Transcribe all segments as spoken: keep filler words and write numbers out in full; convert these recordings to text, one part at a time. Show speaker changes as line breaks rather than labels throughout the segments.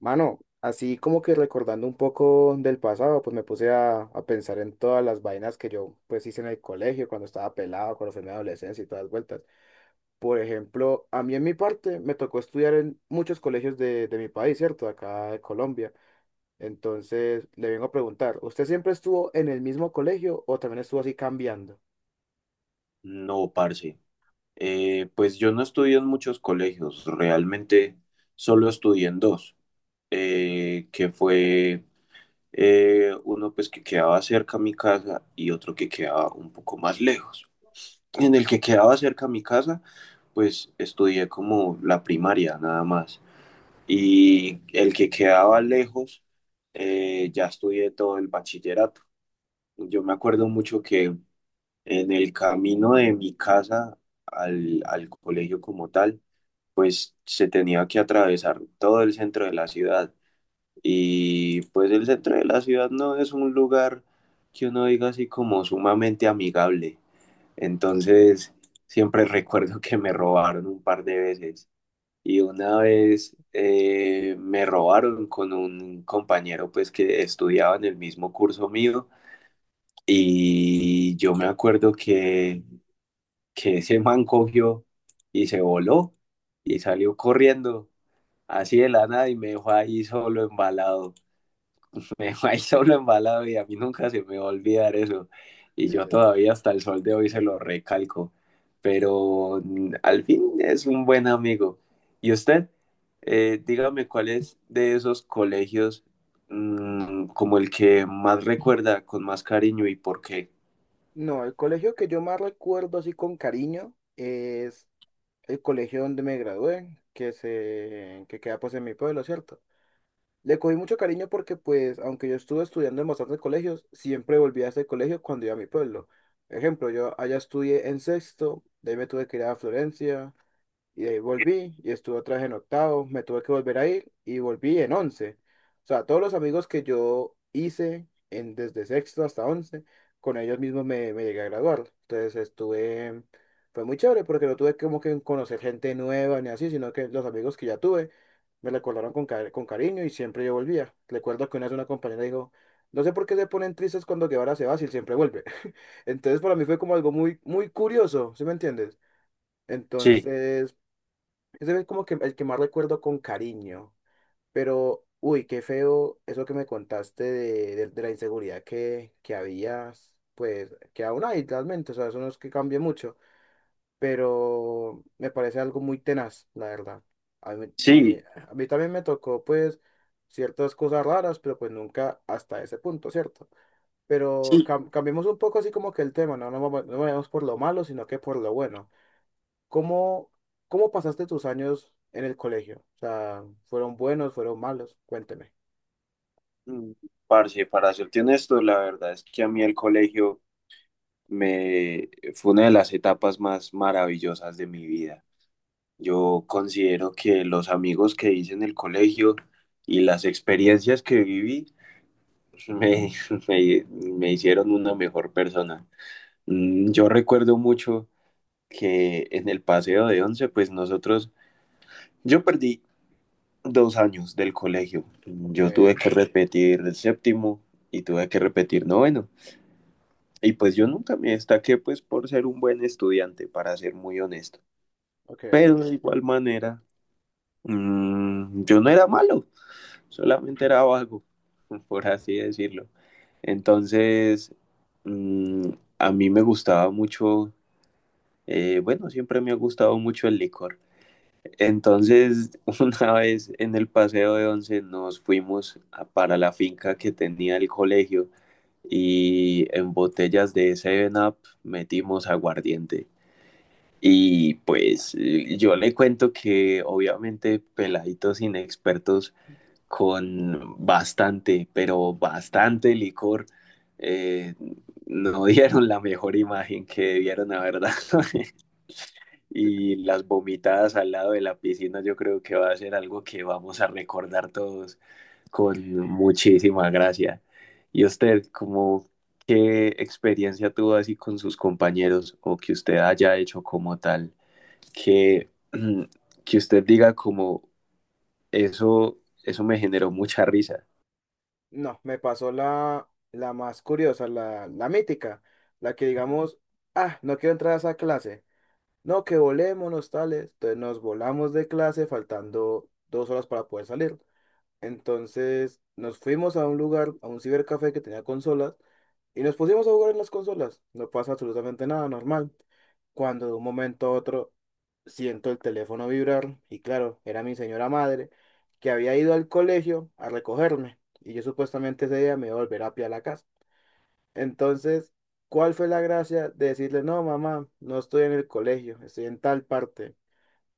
Mano, así como que recordando un poco del pasado, pues me puse a, a pensar en todas las vainas que yo pues hice en el colegio, cuando estaba pelado, cuando fue mi adolescencia y todas las vueltas. Por ejemplo, a mí en mi parte me tocó estudiar en muchos colegios de, de mi país, ¿cierto? Acá de Colombia. Entonces, le vengo a preguntar, ¿usted siempre estuvo en el mismo colegio o también estuvo así cambiando?
No, parce. Eh, pues yo no estudié en muchos colegios, realmente solo estudié en dos, eh, que fue eh, uno pues que quedaba cerca a mi casa y otro que quedaba un poco más lejos. En el que quedaba cerca a mi casa, pues estudié como la primaria nada más. Y el que quedaba lejos, eh, ya estudié todo el bachillerato. Yo me acuerdo mucho que en el camino de mi casa al, al colegio como tal, se tenía que atravesar todo el centro de la ciudad. Y pues el centro de la ciudad no es un lugar que uno diga así como sumamente amigable. Entonces, siempre recuerdo que me robaron un par de veces. Y una vez eh, me robaron con un compañero pues que estudiaba en el mismo curso mío. Y yo me acuerdo que que ese man cogió y se voló y salió corriendo así de la nada y me dejó ahí solo embalado. Me dejó ahí solo embalado y a mí nunca se me va a olvidar eso. Y yo
Claro.
todavía hasta el sol de hoy se lo recalco. Pero mm, al fin es un buen amigo. ¿Y usted? Eh, dígame cuál es de esos colegios mm, como el que más recuerda con más cariño y por qué.
No, el colegio que yo más recuerdo así con cariño es el colegio donde me gradué, que se, que queda pues en mi pueblo, ¿cierto? Le cogí mucho cariño porque pues, aunque yo estuve estudiando en bastantes colegios, siempre volví a ese colegio cuando iba a mi pueblo. Ejemplo, yo allá estudié en sexto, de ahí me tuve que ir a Florencia, y de ahí volví y estuve otra vez en octavo, me tuve que volver a ir y volví en once. O sea, todos los amigos que yo hice en, desde sexto hasta once, con ellos mismos me, me llegué a graduar. Entonces estuve, fue muy chévere porque no tuve como que conocer gente nueva ni así, sino que los amigos que ya tuve me recordaron con, cari- con cariño y siempre yo volvía. Recuerdo que una vez una compañera dijo, no sé por qué se ponen tristes cuando Guevara se va, si él siempre vuelve. Entonces para mí fue como algo muy, muy curioso, ¿sí me entiendes?
Sí,
Entonces... Ese es como que el que más recuerdo con cariño. Pero, uy, qué feo eso que me contaste de, de- de la inseguridad que, que habías, pues, que aún hay realmente, o sea, eso no es que cambie mucho, pero me parece algo muy tenaz, la verdad. A mí, me-
sí,
a mí también me tocó, pues, ciertas cosas raras, pero pues nunca hasta ese punto, ¿cierto? Pero
sí.
cam- cambiemos un poco así como que el tema, no, no, vamos- no vayamos por lo malo, sino que por lo bueno. ¿Cómo, ¿Cómo pasaste tus años en el colegio? O sea, ¿fueron buenos, fueron malos? Cuénteme.
Mm, parce, para serte honesto, la verdad es que a mí el colegio me fue una de las etapas más maravillosas de mi vida. Yo considero que los amigos que hice en el colegio y las experiencias que viví me, me- me hicieron una mejor persona. Mm, Yo recuerdo mucho que en el paseo de once, pues nosotros, yo perdí dos años del colegio.
Ok,
Yo tuve que repetir el séptimo y tuve que repetir noveno. Y pues yo nunca me destaqué pues por ser un buen estudiante, para ser muy honesto.
ok.
Pero de igual manera, mm, yo no era malo, solamente era vago, por así decirlo.
Entiendo.
Entonces, mm, a mí me gustaba mucho, eh, bueno, siempre me ha gustado mucho el licor. Entonces, una vez en el paseo de once nos fuimos a- para la finca que tenía el colegio y en botellas de Seven up metimos aguardiente. Y pues eh, yo le cuento que obviamente peladitos inexpertos con bastante, pero bastante licor, eh, no dieron la mejor imagen que debieron haber dado. Y las vomitadas al lado de la piscina, yo creo que va a ser algo que vamos a recordar todos con muchísima gracia. ¿Y usted, como qué experiencia tuvo así con sus compañeros o que usted haya hecho como tal, que, que usted diga como eso, eso me generó mucha risa?
No, me pasó la, la más curiosa, la, la mítica, la que digamos, ah, no quiero entrar a esa clase. No, que volémonos tales. Entonces nos volamos de clase faltando dos horas para poder salir. Entonces nos fuimos a un lugar, a un cibercafé que tenía consolas y nos pusimos a jugar en las consolas. No pasa absolutamente nada, normal. Cuando de un momento a otro siento el teléfono vibrar y claro, era mi señora madre que había ido al colegio a recogerme y yo supuestamente ese día me iba a volver a pie a la casa. Entonces, ¿cuál fue la gracia de decirle, no, mamá, no estoy en el colegio, estoy en tal parte?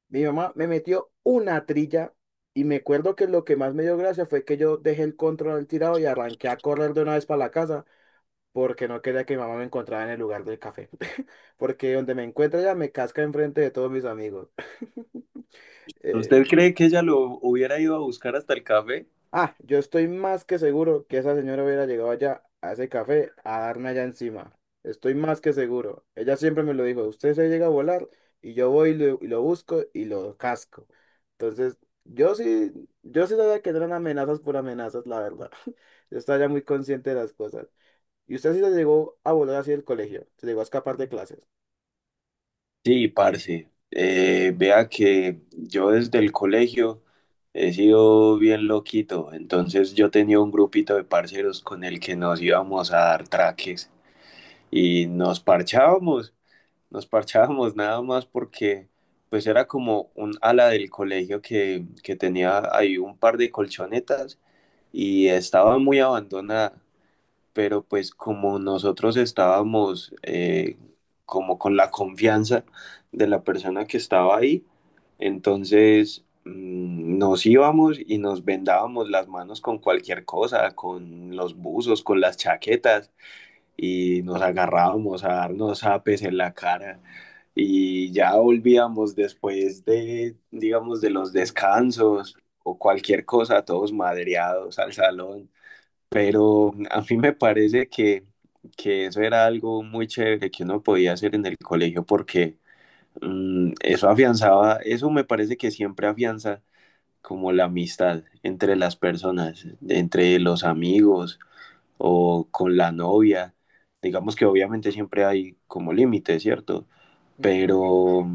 Mi mamá me metió una trilla y me acuerdo que lo que más me dio gracia fue que yo dejé el control al tirado y arranqué a correr de una vez para la casa porque no quería que mi mamá me encontrara en el lugar del café. Porque donde me encuentra ella me casca enfrente de todos mis amigos.
¿Usted
Eh,
cree que ella lo hubiera ido a buscar hasta el café?
Ah, yo estoy más que seguro que esa señora hubiera llegado allá a ese café a darme allá encima. Estoy más que seguro. Ella siempre me lo dijo, usted se llega a volar y yo voy y lo, y lo busco y lo casco. Entonces, yo sí, yo sí sabía que no eran amenazas por amenazas, la verdad. Yo estaba ya muy consciente de las cosas. ¿Y usted sí se llegó a volar así del colegio? ¿Se llegó a escapar de clases?
Sí, parce. Eh, vea que yo desde el colegio he sido bien loquito, entonces yo tenía un grupito de parceros con el que nos íbamos a dar traques y nos parchábamos, nos parchábamos nada más porque pues era como un ala del colegio que, que tenía ahí un par de colchonetas y estaba muy abandonada, pero pues como nosotros estábamos eh, como con la confianza de la persona que estaba ahí, entonces mm, nos íbamos y nos vendábamos las manos con cualquier cosa, con los buzos, con las chaquetas y nos agarrábamos a darnos apes en la cara. Y ya volvíamos después de, digamos, de los descansos o cualquier cosa, todos madreados al salón, pero a mí me parece que, que eso era algo muy chévere que uno podía hacer en el colegio porque mm, eso afianzaba, eso me parece que siempre afianza como la amistad entre las personas, entre los amigos o con la novia. Digamos que obviamente siempre hay como límites, ¿cierto?
Ujú.
Pero,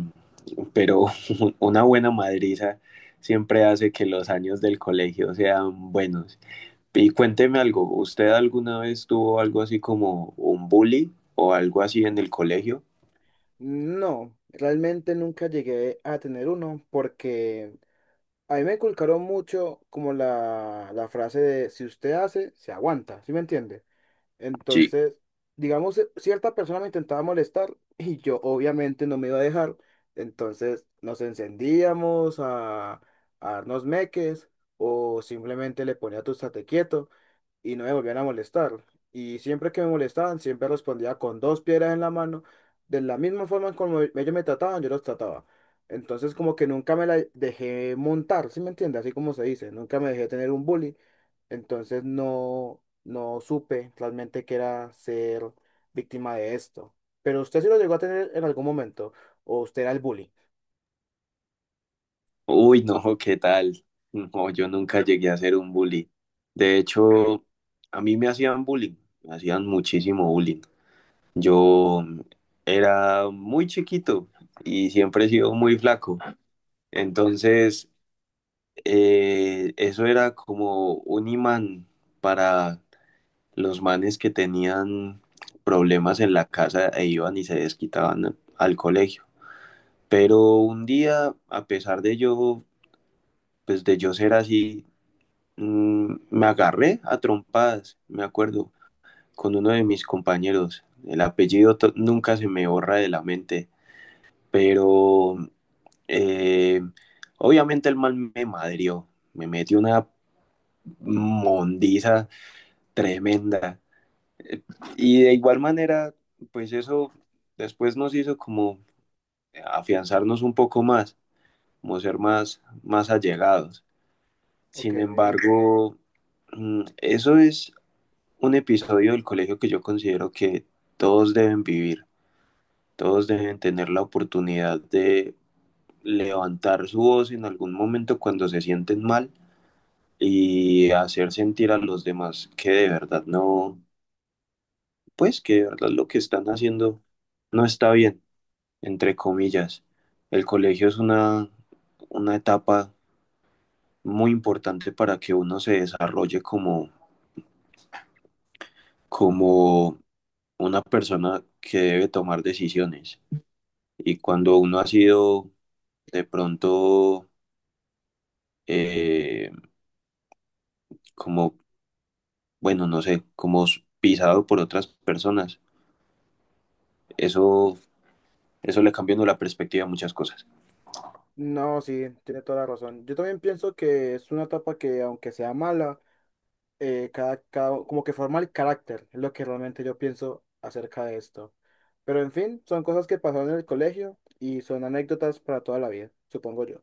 pero una buena madriza siempre hace que los años del colegio sean buenos. Y cuénteme algo, ¿usted alguna vez tuvo algo así como un bully o algo así en el colegio?
No, realmente nunca llegué a tener uno porque... A mí me inculcaron mucho como la, la frase de si usted hace, se aguanta, ¿sí me entiende?
Sí.
Entonces, digamos, eh, cierta persona me intentaba molestar y yo obviamente no me iba a dejar. Entonces nos encendíamos a, a darnos meques o simplemente le ponía tu estate quieto y no me volvían a molestar. Y siempre que me molestaban, siempre respondía con dos piedras en la mano, de la misma forma como ellos me trataban, yo los trataba. Entonces como que nunca me la dejé montar, ¿sí me entiendes? Así como se dice, nunca me dejé tener un bully. Entonces no, no supe realmente que era ser víctima de esto. Pero usted sí lo llegó a tener en algún momento, o usted era el bully.
Uy, no, ¿qué tal? No, yo nunca llegué a ser un bully. De hecho, a mí me hacían bullying, me hacían muchísimo bullying. Yo era muy chiquito y siempre he sido muy flaco. Entonces, eh, eso era como un imán para los manes que tenían problemas en la casa e iban y se desquitaban al colegio. Pero un día, a pesar de yo, pues de yo ser así, mm, me agarré a trompadas, me acuerdo, con uno de mis compañeros. El apellido to- nunca se me borra de la mente, pero eh, obviamente el mal me madrió, me metió una mondiza tremenda. Eh, Y de igual manera, pues eso después nos hizo como afianzarnos un poco más, como ser más, más allegados.
Ok,
Sin embargo, mm, eso es un episodio del colegio que yo considero que todos deben vivir, todos deben tener la oportunidad de levantar su voz en algún momento cuando se sienten mal y hacer sentir a los demás que de verdad no, pues que de verdad lo que están haciendo no está bien, entre comillas. El colegio es una, una etapa muy importante para que uno se desarrolle como, como una persona que debe tomar decisiones. Y cuando uno ha sido de pronto eh, como, bueno, no sé, como pisado por otras personas, eso, eso le cambia a uno la perspectiva a muchas cosas.
no, sí, tiene toda la razón. Yo también pienso que es una etapa que, aunque sea mala, eh, cada, cada- como que forma el carácter, es lo que realmente yo pienso acerca de esto. Pero en fin, son cosas que pasaron en el colegio y son anécdotas para toda la vida, supongo yo.